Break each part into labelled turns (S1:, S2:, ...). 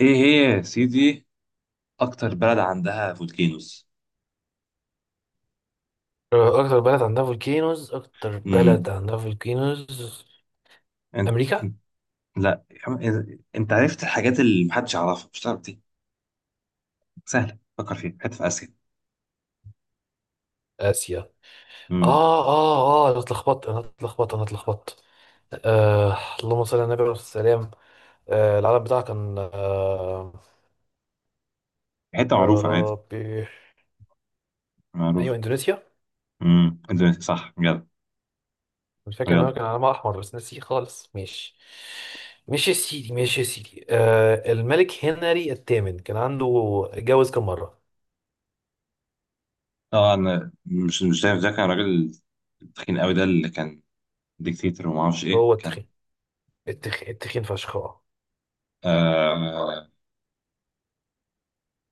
S1: ايه هي؟ يا سيدي، اكتر بلد عندها فولكينوز؟
S2: اكتر بلد عندها فولكينوز اكتر
S1: امم
S2: بلد عندها فولكينوز
S1: انت.
S2: امريكا.
S1: إنت- لا يا عم، انت عرفت الحاجات اللي محدش يعرفها، مش تعرف دي؟ سهله، فكر فيها، حته في اسيا.
S2: اسيا.
S1: امم
S2: اه انا اتلخبطت. آه اللهم صل على النبي عليه الصلاه والسلام. العلم بتاعها كان
S1: حته
S2: يا
S1: معروفه عادي،
S2: ربي. ايوه،
S1: معروفه.
S2: اندونيسيا.
S1: اندونيسيا، صح، يلا.
S2: مش فاكر ان هو
S1: يلا.
S2: كان علمها احمر بس نسيه خالص، ماشي. ماشي يا سيدي، ماشي يا سيدي. الملك هنري الثامن كان عنده، اتجوز كم مره؟
S1: اه، انا مش ده كان راجل تخين قوي، ده اللي كان ديكتاتور وما اعرفش ايه
S2: هو
S1: كان.
S2: التخين، التخين فشخ اه.
S1: آه،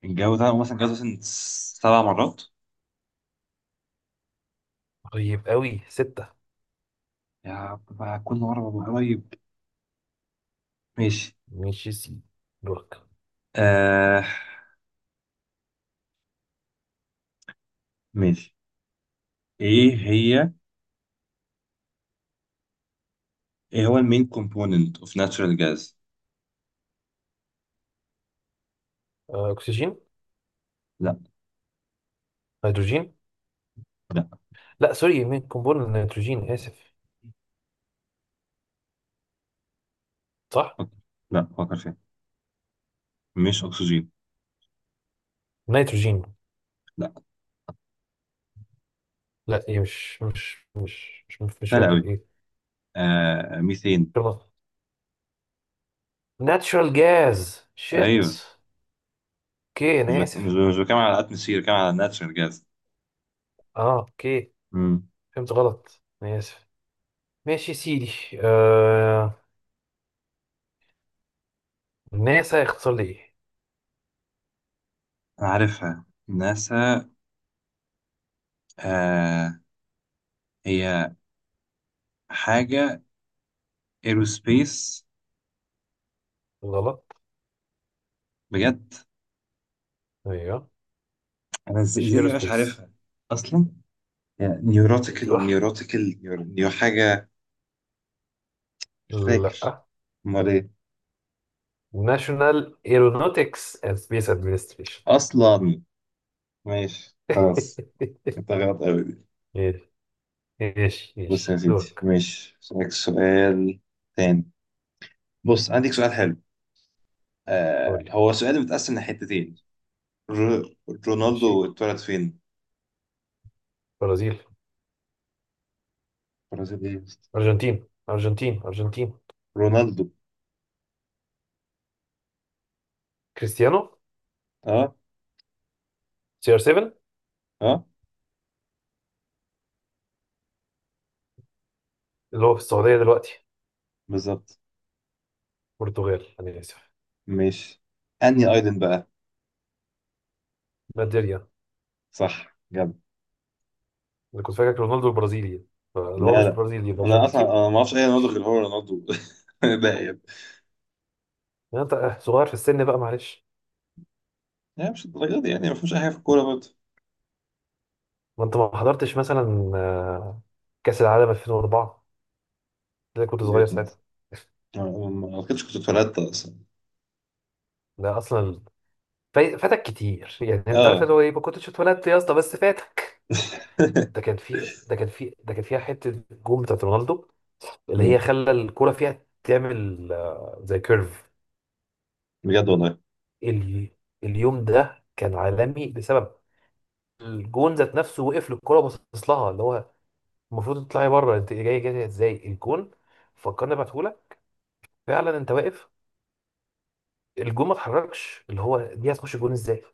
S1: الجو ده مثلا جوز مثلا سبع مرات.
S2: طيب، قوي ستة.
S1: يا بقى كل مره ببقى قريب. ماشي.
S2: ماشي سي. دورك.
S1: آه. ماشي. ايه هي؟ ايه هو المين كومبوننت اوف ناتشورال جاز؟
S2: أكسجين.
S1: لا.
S2: هيدروجين.
S1: لا،
S2: لا سوري، مين قنبلة نيتروجين آسف. صح.
S1: فكر. لا، فكر فيها، مش اكسجين.
S2: نيتروجين.
S1: لا.
S2: لا إيه، مش
S1: سهل
S2: فاكر
S1: قوي.
S2: إيه.
S1: آه، ميثين.
S2: ناتشورال جاز شيت.
S1: ايوه.
S2: أوكي أنا
S1: مش
S2: آسف.
S1: مش بتكلم على الاتموسفير، بتكلم على ناتشورال جاز.
S2: أه أوكي.
S1: امم
S2: فهمت غلط، أنا آسف. ماشي يا سيدي. آه... ناسا يختصر لي إيه؟
S1: انا عارفها ناسا. آه، هي حاجه ايروسبيس.
S2: غلط.
S1: بجد؟
S2: أيوه.
S1: انا
S2: مش
S1: ازاي دي مش
S2: إيروسبيس.
S1: عارفها اصلا؟ نيوروتيكال
S2: أيوه.
S1: نيوروتيكال نيو حاجه، مش فاكر.
S2: لا.
S1: امال ايه؟
S2: ناشونال ايرونوتكس اند سبيس ادمنستريشن.
S1: اصلا. ماشي خلاص، انت غلط قوي دي.
S2: ايش
S1: بص يا
S2: ايش
S1: سيدي،
S2: دورك؟
S1: ماشي، اسالك سؤال تاني. بص، عندك سؤال حلو، آه،
S2: قول لي.
S1: هو سؤال متقسم لحتتين. ر-
S2: ماشي.
S1: رونالدو اتولد فين؟
S2: برازيل.
S1: برازيل؟ ايه يا اسطى؟
S2: ارجنتين. ارجنتين.
S1: رونالدو.
S2: كريستيانو.
S1: اه.
S2: سي ار 7،
S1: اه.
S2: اللي هو في السعوديه دلوقتي.
S1: بالظبط.
S2: برتغال انا اسف.
S1: ماشي. انهي ايلاند بقى؟
S2: نيجيريا.
S1: صح جد.
S2: انا كنت فاكر رونالدو البرازيلي، فاللي
S1: لا
S2: هو مش
S1: لا،
S2: برازيلي
S1: انا اصلا
S2: الارجنتين.
S1: انا ما اعرفش اي رونالدو غير
S2: ماشي.
S1: هو رونالدو. ده يعني،
S2: يعني انت صغير في السن بقى معلش.
S1: يعني مش الدرجه دي، يعني ما فيهمش اي حاجه في الكوره برضه.
S2: ما انت ما حضرتش مثلا كاس العالم 2004، ده كنت صغير
S1: وجهة نظر.
S2: ساعتها.
S1: ما اعتقدش كنت اتولدت اصلا.
S2: ده اصلا، فاتك كتير يعني، انت عارف
S1: اه.
S2: اللي هو ايه، ما كنتش اتولدت يا اسطى، بس فاتك. ده كان فيها حته جون بتاعت رونالدو اللي هي
S1: مم.
S2: خلى الكوره فيها تعمل زي كيرف.
S1: بجد والله.
S2: ال- اليوم ده كان عالمي بسبب الجون ذات نفسه، وقف للكوره وبصص لها اللي هو المفروض تطلعي بره، انت جاي جاي ازاي الجون؟ فكرني ابعتهولك. فعلا انت واقف، الجون ما اتحركش، اللي هو دي هتخش جون ازاي.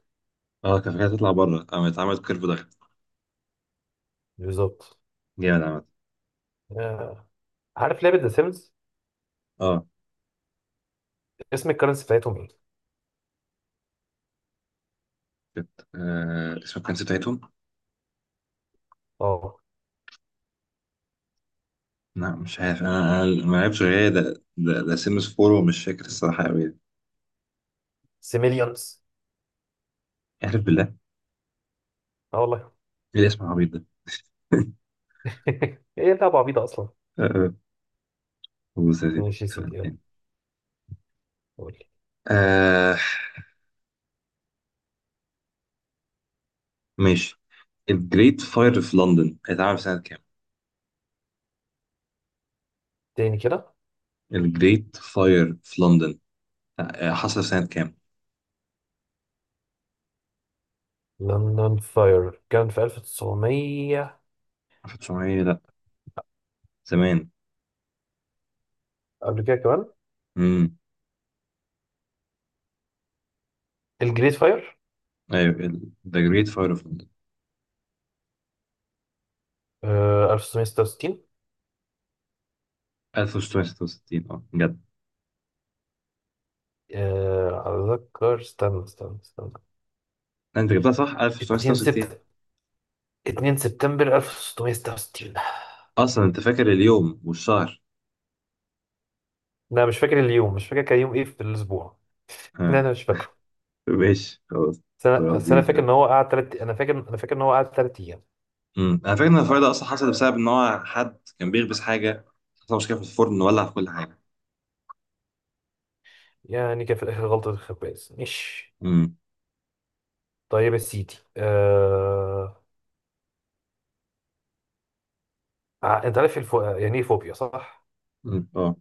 S1: اه، كان فكرة تطلع بره، اه، اتعمل كيرف ضغط.
S2: بالظبط.
S1: جامد عامة.
S2: آه، عارف لعبه ذا سيمز؟
S1: اه،
S2: اسم الكرنسي بتاعتهم ايه؟
S1: كانت آه اسم الكنز بتاعتهم.
S2: اه،
S1: لا مش عارف، انا انا ما لعبتش غير ده ده سيمس فور ومش فاكر الصراحة قوي.
S2: سيميليونز.
S1: اعرف بالله؟
S2: اه والله.
S1: ايه الاسم العبيط ده!
S2: ايه لعبه عبيطه اصلا.
S1: آه، بص يا سيدي،
S2: ماشي يا
S1: أديك سؤال
S2: سيدي.
S1: تاني.
S2: قول.
S1: آه، ماشي. الجريت فاير في لندن اتعمل في سنة كام؟
S2: تاني كده؟
S1: الجريت فاير في لندن، آه، آه، حصل في سنة كام؟
S2: لندن فاير كان في 1900.
S1: 1900؟ لا، زمان.
S2: قبل كده كمان.
S1: امم
S2: الجريت فاير.
S1: ايوه، ذا جريت فاير في لندن.
S2: 1966.
S1: 1666، اه جدع.
S2: أتذكر، استنى استنى استنى.
S1: انت جبتها صح،
S2: 2
S1: 1966.
S2: سبتمبر. 2 سبتمبر 1666.
S1: اصلا انت فاكر اليوم والشهر!
S2: أنا مش فاكر اليوم، مش فاكر كان يوم إيه في الأسبوع. لا
S1: ها؟
S2: أنا مش فاكره.
S1: ماشي خلاص. خلاص،
S2: بس
S1: دي
S2: أنا فاكر
S1: سهلة.
S2: إن هو قعد تلات، أنا فاكر إن هو قعد تلات أيام.
S1: أمم. انا فاكر ان الفرق ده اصلا حصل بسبب ان هو حد كان بيخبز حاجه، حصل مشكله في الفرن، ولع في كل حاجه.
S2: يعني كان في الآخر غلطة الخباز مش.
S1: امم
S2: طيب يا سيدي، أنت عارف يعني إيه فوبيا صح؟
S1: أمم. اه،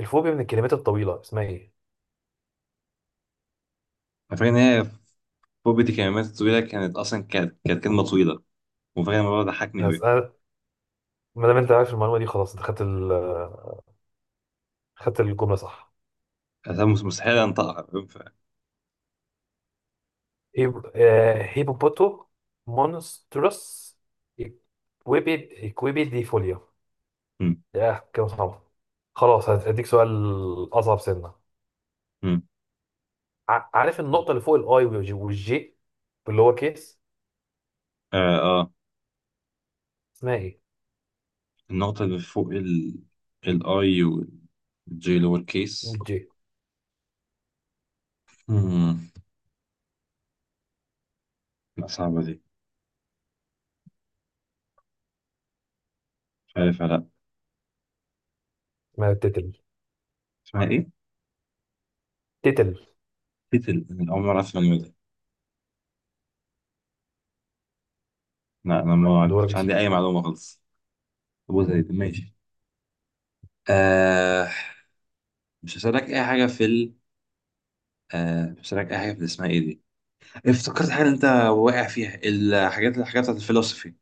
S2: الفوبيا من الكلمات الطويلة اسمها ايه؟
S1: انا فاكر ان هي فوبيا الكلمات الطويله كانت اصلا، كانت كلمه طويله، وفاكر الموضوع ده ضحكني
S2: بس
S1: قوي.
S2: أنا، ما دام انت عارف المعلومة دي خلاص، انت خدت ال خدت الجملة صح.
S1: انا مستحيل انطقها، فاهم؟ ف
S2: هيبوبوتو مونستروس اكويبي اكويبي دي فوليا.
S1: أمم.
S2: يا كده صعب. خلاص هديك سؤال. أصعب سنة.
S1: أمم.
S2: عارف النقطة اللي فوق الآي والجي، اللي هو كيس،
S1: اه. اه.
S2: اسمها ايه؟
S1: النقطه اللي فوق ال الاي والجي لور كيس.
S2: والجي.
S1: أمم. لا، صعبه دي، مش عارف، لا.
S2: اسمها تتل.
S1: اسمها ايه؟
S2: تتل.
S1: تيتل؟ انا اول مره اسمع النوع ده. لا، انا ما
S2: دورك
S1: كانش
S2: يا
S1: عندي
S2: سيدي.
S1: اي معلومه خالص. ابو زيد، ماشي. آه، مش هسألك اي حاجه في ال آه، مش هسألك اي حاجه في اللي اسمها ايه دي. افتكرت حاجه انت واقع فيها، الحاجات بتاعت الفلسفي.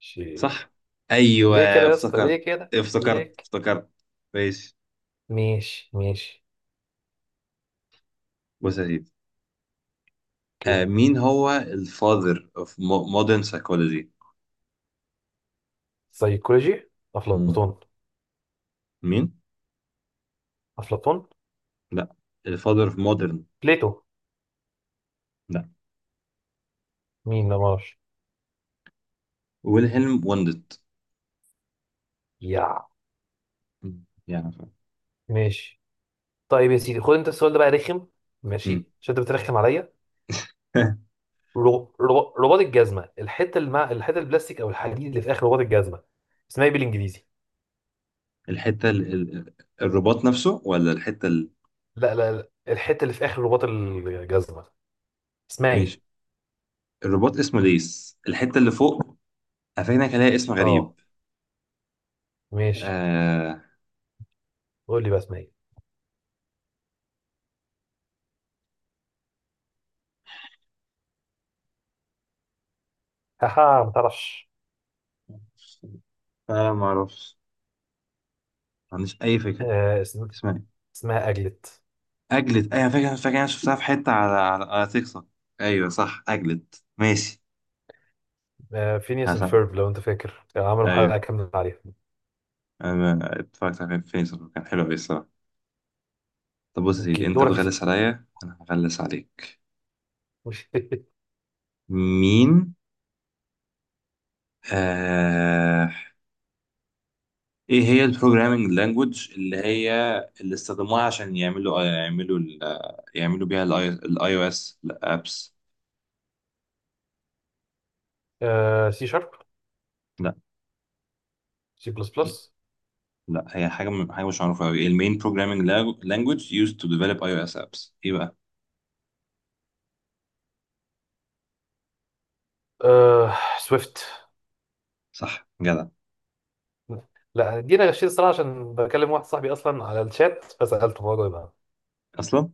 S2: شي.
S1: صح؟ ايوه.
S2: ليه كده يا اسطى؟ ليه
S1: افتكرت
S2: كده؟ ليه؟
S1: افتكرت افتكرت ماشي.
S2: ماشي ماشي.
S1: بص يا سيدي، آه، مين هو الفاذر اوف مودرن سايكولوجي؟
S2: سيكولوجي افلاطون.
S1: مين؟
S2: افلاطون.
S1: لا، الفاذر اوف مودرن.
S2: بليتو.
S1: لا.
S2: مين ما اعرفش.
S1: ويلهلم وندت.
S2: يا.
S1: مم. يعني فاهم.
S2: ماشي. طيب يا سيدي، خد انت السؤال ده بقى رخم،
S1: مم.
S2: ماشي عشان انت بترخم عليا. رباط الجزمه، الحته اللي مع الحته البلاستيك او الحديد اللي في اخر رباط الجزمه، اسمها ايه بالانجليزي؟
S1: الحتة ال... ال- الرباط نفسه ولا الحتة ال...؟
S2: لا لا لا، الحته اللي في اخر رباط الجزمه، اسمها
S1: ماشي.
S2: ايه؟
S1: الرباط اسمه ليس، الحتة اللي فوق. هفهمك، هلاقي اسم غريب.
S2: اه، ماشي.
S1: آه...
S2: قول لي بقى اسمها ايه. هاها ما تعرفش.
S1: فعلا ما اعرفش، ما عنديش اي فكرة.
S2: آه اسم...
S1: اسمها ايه؟
S2: اسمها اجلت.
S1: اجلت؟ ايوه فاكر، فاكر، انا شفتها في حتة على على تيك توك. ايوه صح، اجلت. ماشي.
S2: آه، فينيس اند
S1: حسن،
S2: فيرب لو انت فاكر كانوا عملوا
S1: ايوه،
S2: حلقه كامله عليها.
S1: انا اتفرجت على فيلم كان حلو قوي الصراحة. طب بص يا
S2: اوكي
S1: سيدي، انت
S2: دورك يا
S1: بتغلس
S2: سيدي.
S1: عليا، انا هغلس عليك. مين؟ آه... ايه هي البروجرامينج لانجوج اللي هي اللي استخدموها عشان يعملوا آه، يعملوا آه، يعملوا بيها الاي او اس الابس؟
S2: سي شارب.
S1: لا.
S2: سي بلس بلس.
S1: لا، هي حاجه حاجه مش معروفه قوي. المين بروجرامينج لانجوج used to develop اي او اس ابس، ايه بقى؟
S2: سويفت.
S1: صح جدع.
S2: لا دي انا غشيت الصراحه، عشان بكلم واحد صاحبي اصلا على الشات فسالته، هو جاي بقى.
S1: اصلا.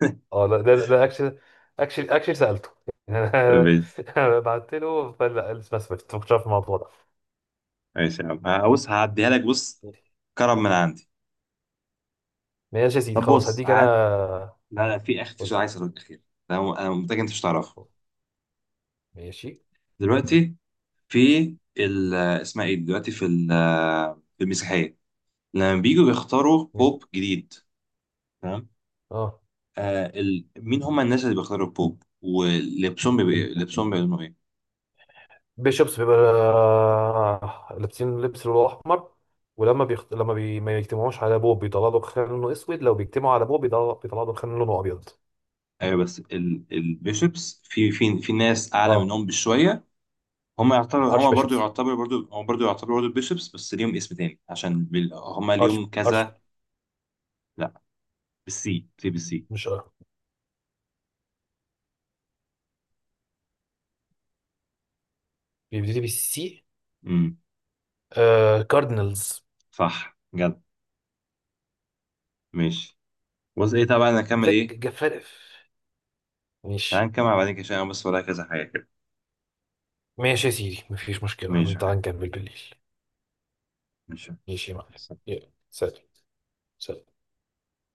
S2: اه لا، ده اكشلي، اكشلي سالته يعني.
S1: طيب،
S2: انا بعت له فقال لا اسمها سويفت، ما كنتش عارف الموضوع ده.
S1: ماشي يا عم، بص، هعديها لك. بص، كرم من عندي.
S2: ماشي يا سيدي
S1: طب
S2: خلاص
S1: بص
S2: هديك
S1: عاد،
S2: انا.
S1: لا لا في اخ، في
S2: قول
S1: سؤال عايز اسالك اخير. انا أنا متاكد انت مش تعرفه.
S2: لي. ماشي.
S1: دلوقتي، في ال آه، اسمها ايه دلوقتي في آه، في المسيحيه، لما بييجوا بيختاروا بوب جديد، تمام؟
S2: اه،
S1: آه، ال... مين هم الناس اللي بيختاروا البوب ولبسهم بيبقى إيه؟ لبسهم بيعلنوا ايه؟
S2: بيشوبس بيبقى لابسين لبس لونه احمر. ولما بيخت... لما بي... ما يجتمعوش على ابوه بيطلع له خان لونه اسود، لو بيجتمعوا على ابوه بيطلع له خان لونه ابيض.
S1: ايوه بس ال... البيشوبس، في في ناس اعلى
S2: اه،
S1: منهم بشويه. هم يعتبروا،
S2: ارش
S1: هم برضو
S2: بيشوبس.
S1: يعتبروا برضو، هم برضو يعتبروا برضو البيشوبس، بس ليهم اسم تاني عشان بال... هم
S2: ارش.
S1: ليهم
S2: ارش.
S1: كذا. لا، بالسي، سي، بالسي.
S2: مش اه، بيبتدي بالسي.
S1: امم
S2: كاردينالز.
S1: صح جد. ماشي. بص ايه، طبعا انا اكمل
S2: ذك
S1: ايه؟
S2: جفارف.
S1: تعال
S2: ماشي.
S1: نكمل بعدين كده، عشان أنا بس ورايا كذا حاجه كده.
S2: ماشي يا سيدي مفيش مشكلة،
S1: ماشي يا حاج.
S2: تعال نكمل بالليل.
S1: ماشي، سلام.
S2: ماشي يا معلم. يلا سلام. سلام.